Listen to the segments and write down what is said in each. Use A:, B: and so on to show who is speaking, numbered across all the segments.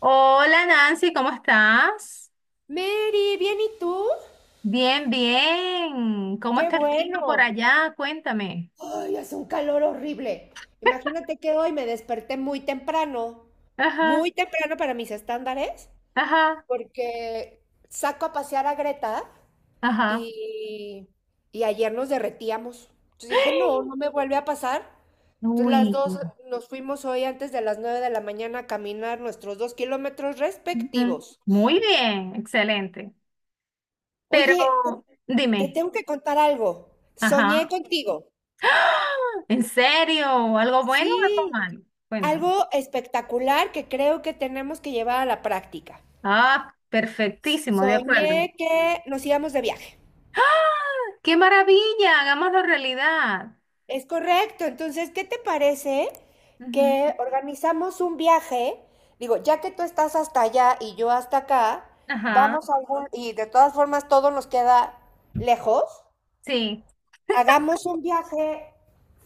A: Hola, Nancy, ¿cómo estás?
B: Mary, ¿bien y tú?
A: Bien, bien. ¿Cómo
B: Qué
A: está el clima por
B: bueno.
A: allá? Cuéntame.
B: Ay, hace un calor horrible. Imagínate que hoy me desperté
A: Ajá,
B: muy temprano para mis estándares,
A: ajá,
B: porque saco a pasear a Greta
A: ajá.
B: y, y ayer nos derretíamos. Entonces dije, no, no me vuelve a pasar. Entonces las
A: Uy.
B: dos nos fuimos hoy antes de las 9 de la mañana a caminar nuestros 2 kilómetros
A: Ujú.
B: respectivos.
A: Muy bien, excelente. Pero
B: Oye, te
A: dime,
B: tengo que contar algo. Soñé
A: ajá.
B: contigo.
A: ¡Ah! ¿En serio? ¿Algo bueno o algo
B: Sí.
A: malo? Cuéntame.
B: Algo espectacular que creo que tenemos que llevar a la práctica.
A: Ah, perfectísimo, de acuerdo.
B: Soñé que nos íbamos de viaje.
A: ¡Ah! ¡Qué maravilla! Hagámoslo realidad.
B: Es correcto. Entonces, ¿qué te parece
A: Ujú,
B: que organizamos un viaje? Digo, ya que tú estás hasta allá y yo hasta acá,
A: ajá,
B: vamos a algún, y de todas formas todo nos queda lejos,
A: sí.
B: hagamos un viaje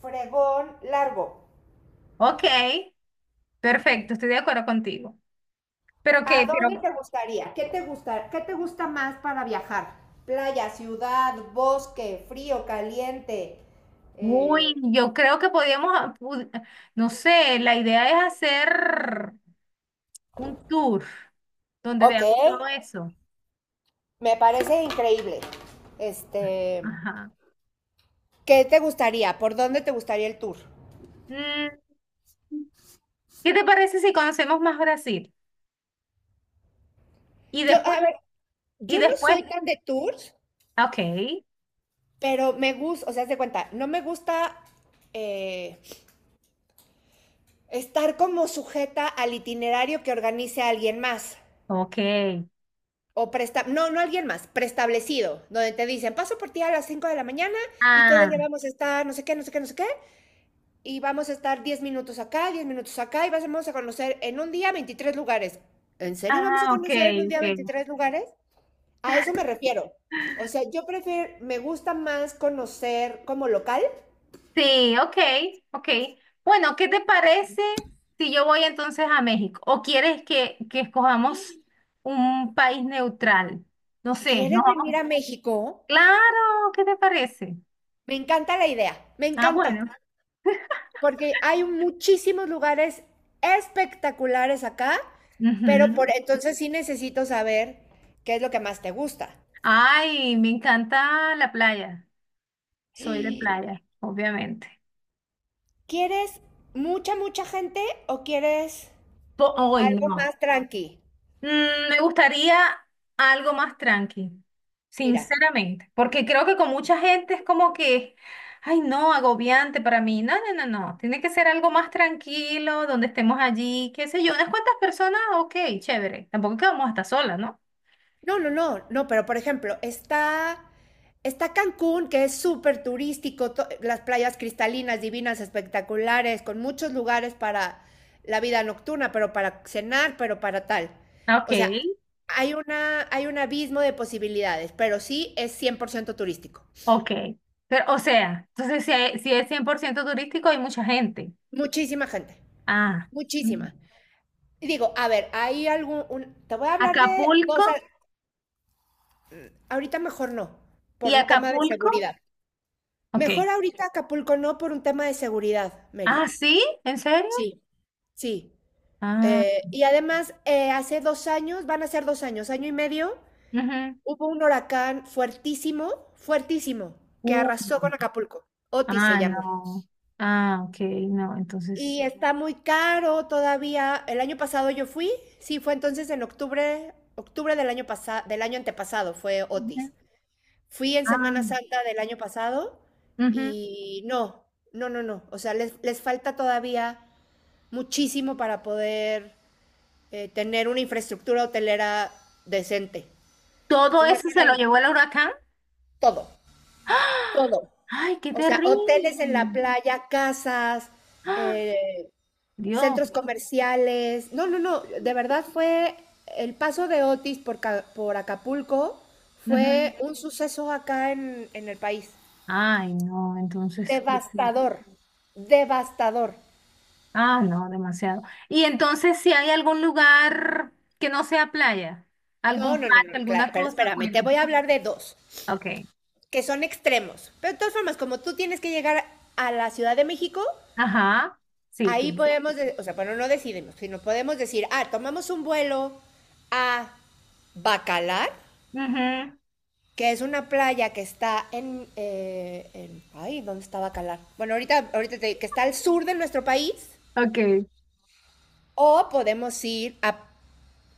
B: fregón largo.
A: Ok, perfecto, estoy de acuerdo contigo. Pero
B: ¿A
A: que,
B: dónde
A: pero,
B: te gustaría? Qué te gusta más para viajar? Playa, ciudad, bosque, frío, caliente. eh,
A: yo creo que podíamos, no sé, la idea es hacer un tour donde
B: ok,
A: veamos todo eso.
B: me parece increíble. Este,
A: Ajá.
B: ¿qué te gustaría? ¿Por dónde te gustaría el tour?
A: Mm, ¿Qué te parece si conocemos más Brasil? Y
B: Yo,
A: después,
B: a ver,
A: y
B: yo no
A: después,
B: soy tan de tours,
A: ok,
B: pero me gusta, o sea, haz de cuenta, no me gusta eh, estar como sujeta al itinerario que organice alguien más.
A: ok.
B: O presta, no, no alguien más, preestablecido, donde te dicen, paso por ti a las 5 de la mañana y todo el
A: Ah,
B: día vamos a estar no sé qué, no sé qué, no sé qué, y vamos a estar 10 minutos acá, 10 minutos acá, y vamos a conocer en un día 23 lugares. ¿En serio vamos a
A: ah, ok,
B: conocer en un día
A: ok.
B: 23 lugares? A eso me refiero. O sea, yo prefiero, me gusta más conocer como local.
A: Sí, ok, ok. Bueno, ¿qué te parece si yo voy entonces a México? ¿O quieres que escojamos un país neutral? No sé, nos
B: ¿Quieres venir
A: vamos.
B: a México?
A: Claro, ¿qué te parece?
B: Me encanta la idea, me
A: Ah,
B: encanta.
A: bueno.
B: Porque hay muchísimos lugares espectaculares acá, pero por
A: Ujú.
B: entonces sí necesito saber qué es lo que más te gusta.
A: Ay, me encanta la playa. Soy de playa, obviamente.
B: ¿Quieres mucha, mucha gente o quieres
A: Hoy
B: algo
A: no.
B: más tranqui?
A: Me gustaría algo más tranqui,
B: Mira,
A: sinceramente, porque creo que con mucha gente es como que, ay, no, agobiante para mí. No, no, no, no. Tiene que ser algo más tranquilo, donde estemos allí, qué sé yo, unas cuantas personas, ok, chévere. Tampoco es que vamos a estar solas, ¿no?
B: no, no, no, no, pero por ejemplo, está Cancún, que es súper turístico, las playas cristalinas, divinas, espectaculares, con muchos lugares para la vida nocturna, pero para cenar, pero para tal.
A: Ok,
B: O sea, hay un abismo de posibilidades, pero sí es 100% turístico.
A: ok. Pero, o sea, entonces si es 100% turístico, hay mucha gente.
B: Muchísima gente,
A: Ah, mm.
B: muchísima. Y digo, a ver, te voy a hablar de
A: Acapulco.
B: cosas, ahorita mejor no,
A: Y
B: por un tema de
A: Acapulco,
B: seguridad.
A: ok.
B: Mejor ahorita Acapulco no por un tema de seguridad, Mary.
A: Ah, ¿sí? ¿En serio?
B: Sí. Sí.
A: Ah,
B: Y además, hace 2 años, van a ser 2 años, año y medio,
A: ujú.
B: hubo un huracán fuertísimo, fuertísimo, que
A: Uh,
B: arrasó con Acapulco. Otis se
A: ah,
B: llamó.
A: no. Ah, ok, no, entonces.
B: Y está muy caro todavía. El año pasado yo fui, sí, fue entonces en octubre, octubre del año pasado, del año antepasado fue
A: Ujú.
B: Otis. Fui en
A: Ah,
B: Semana Santa del año pasado
A: ujú.
B: y no, no, no, no. O sea, les falta todavía muchísimo para poder tener una infraestructura hotelera decente.
A: Todo
B: Entonces,
A: eso
B: mejor
A: se
B: ahí,
A: lo
B: no.
A: llevó el huracán.
B: Todo,
A: ¡Ah!
B: todo.
A: ¡Ay, qué
B: O sea, hoteles en la
A: terrible!
B: playa, casas,
A: ¡Ah!
B: eh,
A: Dios.
B: centros comerciales. No, no, no, de verdad fue el paso de Otis por, por Acapulco
A: Ujú.
B: fue un suceso acá en el país.
A: Ay, no, entonces.
B: Devastador, devastador.
A: Ah, no, demasiado. Y entonces, si hay algún lugar que no sea playa,
B: No,
A: algún
B: no, no,
A: parque,
B: no, claro,
A: alguna
B: pero
A: cosa,
B: espérame, te
A: cuéntame.
B: voy a hablar de dos
A: Ok.
B: que son extremos. Pero de todas formas, como tú tienes que llegar a la Ciudad de México,
A: Ajá. Sí.
B: ahí podemos, o sea, bueno, no decidimos, sino podemos decir, ah, tomamos un vuelo a Bacalar,
A: Ujú.
B: que es una playa que está en, ay, ¿dónde está Bacalar? Bueno, ahorita, ahorita que está al sur de nuestro país,
A: Ok.
B: o podemos ir a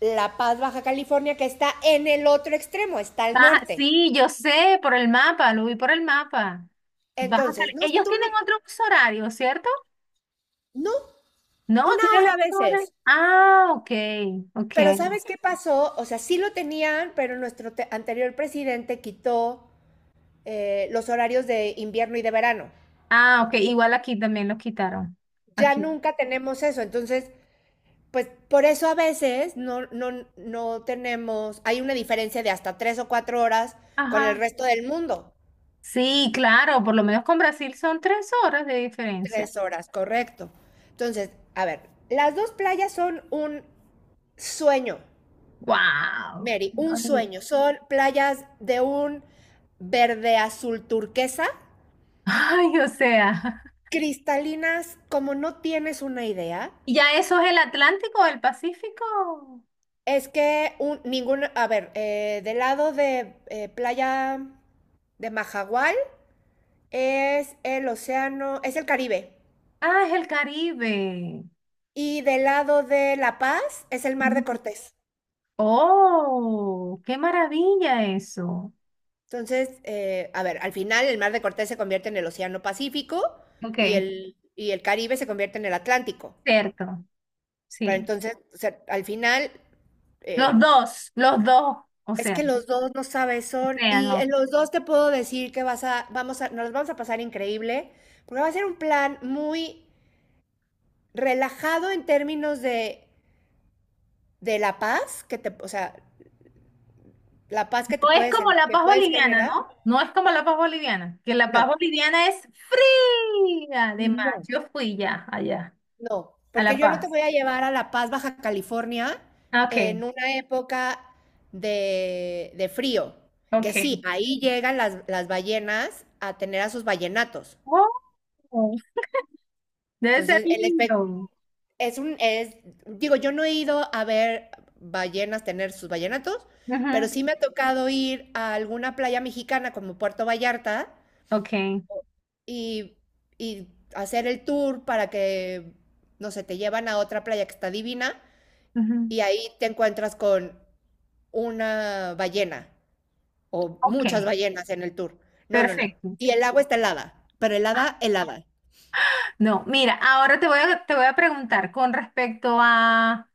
B: La Paz, Baja California, que está en el otro extremo, está al
A: Baja,
B: norte.
A: sí, yo sé, por el mapa, lo vi por el mapa.
B: Entonces, no,
A: Ellos
B: tú no,
A: tienen otro uso horario, ¿cierto?
B: no,
A: No,
B: una
A: tienen el
B: hora a
A: uso horario.
B: veces.
A: Ah, ok,
B: Pero
A: ok.
B: ¿sabes qué pasó? O sea, sí lo tenían, pero nuestro anterior presidente quitó los horarios de invierno y de verano.
A: Ah, ok, igual aquí también los quitaron.
B: Ya
A: Aquí.
B: nunca tenemos eso. Entonces, pues por eso a veces no tenemos, hay una diferencia de hasta 3 o 4 horas con el
A: Ajá.
B: resto del mundo.
A: Sí, claro, por lo menos con Brasil son 3 horas de diferencia.
B: 3 horas, correcto. Entonces, a ver, las dos playas son un sueño,
A: ¡Wow!
B: Mary, un sueño. Son playas de un verde azul turquesa
A: Ay, o sea.
B: cristalinas como no tienes una idea.
A: ¿Y ya eso es el Atlántico o el Pacífico?
B: Ninguna, a ver, del lado de playa de Majagual es el océano, es el Caribe.
A: Ah, es el Caribe.
B: Y del lado de La Paz es el mar de Cortés.
A: Oh, qué maravilla eso.
B: Entonces, a ver, al final el mar de Cortés se convierte en el océano Pacífico
A: Ok,
B: y el Caribe se convierte en el Atlántico.
A: cierto,
B: Pero
A: sí.
B: entonces, o sea, al final, eh,
A: Los dos, o
B: es
A: sea,
B: que los dos no sabes
A: o
B: son
A: sea,
B: y en
A: no.
B: los dos te puedo decir que vas a vamos a nos vamos a pasar increíble, porque va a ser un plan muy relajado en términos de la paz que te, o sea, la paz que te
A: No es
B: puedes
A: como la
B: que
A: paz
B: puedes
A: boliviana,
B: generar.
A: ¿no? No es como la paz boliviana, que la paz
B: No,
A: boliviana es fría de mar.
B: no,
A: Yo fui ya allá,
B: no,
A: a
B: porque
A: La
B: yo no te
A: Paz.
B: voy a llevar a La Paz, Baja California
A: Ah, ok,
B: en una época de frío, que sí,
A: ok.
B: ahí llegan las ballenas a tener a sus ballenatos.
A: Oh, debe ser
B: Entonces,
A: lindo.
B: es un, es, digo, yo no he ido a ver ballenas tener sus ballenatos, pero
A: Ujú,
B: sí me ha tocado ir a alguna playa mexicana como Puerto Vallarta
A: ok,
B: y, y hacer el tour para que, no sé, te llevan a otra playa que está divina
A: ujú,
B: y ahí te encuentras con una ballena o
A: ok,
B: muchas ballenas en el tour. No, no, no.
A: perfecto.
B: Y el agua está helada, pero helada, helada.
A: No, mira, ahora te voy a preguntar con respecto a,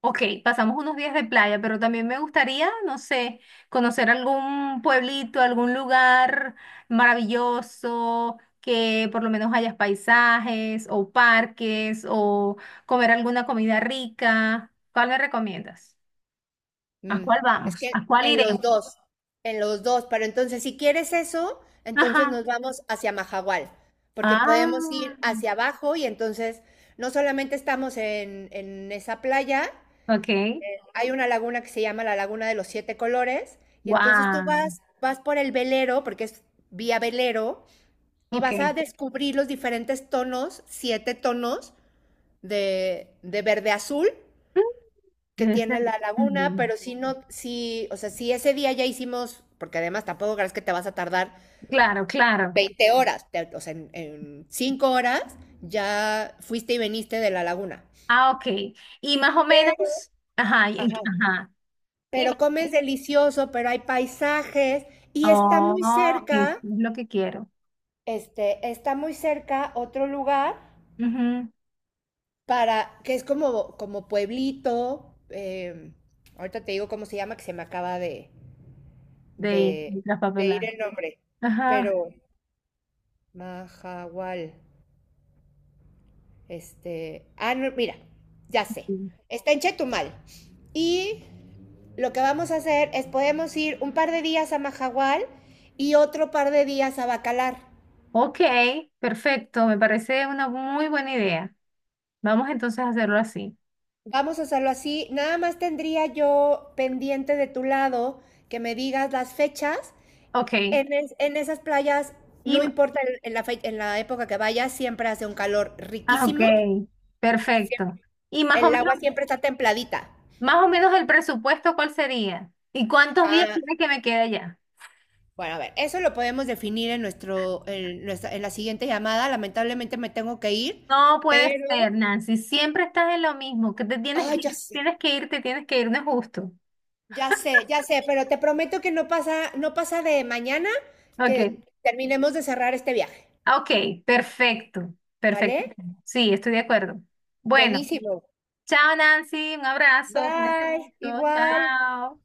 A: ok, pasamos unos días de playa, pero también me gustaría, no sé, conocer algún pueblito, algún lugar maravilloso, que por lo menos hayas paisajes o parques o comer alguna comida rica. ¿Cuál me recomiendas? ¿A
B: Mm,
A: cuál
B: es
A: vamos?
B: que
A: ¿A cuál iremos?
B: en los dos, pero entonces si quieres eso, entonces
A: Ajá.
B: nos vamos hacia Mahahual, porque
A: Ah,
B: podemos ir hacia abajo y entonces no solamente estamos en esa playa,
A: ok.
B: hay una laguna que se llama la Laguna de los Siete Colores, y entonces tú
A: Wow.
B: vas, vas por el velero, porque es vía velero, y
A: Ok.
B: vas a descubrir los diferentes tonos, 7 tonos de verde azul, que
A: Debe ser
B: tiene la laguna,
A: lindo.
B: pero si no, si, o sea, si ese día ya hicimos, porque además tampoco crees que te vas a tardar
A: Claro, claro.
B: 20 horas, o sea, en 5 horas ya fuiste y veniste de la laguna.
A: Ah, ok. Y más o
B: Pero,
A: menos, ajá, y en,
B: ajá,
A: ajá. Y más,
B: pero comes delicioso, pero hay paisajes y está muy
A: oh, eso
B: cerca,
A: es lo que quiero.
B: este, está muy cerca otro lugar
A: Ujú,
B: para, que es como, como pueblito, ahorita te digo cómo se llama, que se me acaba de,
A: de ir,
B: de,
A: de
B: ir
A: traspapelar.
B: el nombre,
A: Ajá,
B: pero... Mahahual. Este. Ah, no, mira, ya sé.
A: sí.
B: Está en Chetumal. Y lo que vamos a hacer es podemos ir un par de días a Mahahual y otro par de días a Bacalar.
A: Ok, perfecto. Me parece una muy buena idea. Vamos entonces a hacerlo así.
B: Vamos a hacerlo así. Nada más tendría yo pendiente de tu lado que me digas las fechas.
A: Ok.
B: En, en esas playas,
A: Y,
B: no importa en en la época que vayas, siempre hace un calor
A: ah, ok.
B: riquísimo. Siem-
A: Perfecto. Y más o
B: El
A: menos,
B: agua siempre está templadita.
A: más o menos el presupuesto, ¿cuál sería? ¿Y cuántos días
B: Ah,
A: tiene que me quede ya?
B: bueno, a ver, eso lo podemos definir en nuestro, en en la siguiente llamada. Lamentablemente me tengo que ir,
A: No puede
B: pero,
A: ser, Nancy. Siempre estás en lo mismo. Que te tienes
B: ay,
A: que
B: ya
A: ir,
B: sé,
A: tienes que irte, tienes que ir, no es justo.
B: ya sé, ya sé, pero te prometo que no pasa, no pasa de mañana
A: Ok,
B: que terminemos de cerrar este viaje,
A: ah, ok, perfecto,
B: ¿vale?
A: perfecto. Sí, estoy de acuerdo. Bueno,
B: Buenísimo.
A: chao, Nancy. Un abrazo. Cuídate
B: Bye,
A: mucho.
B: igual.
A: Chao.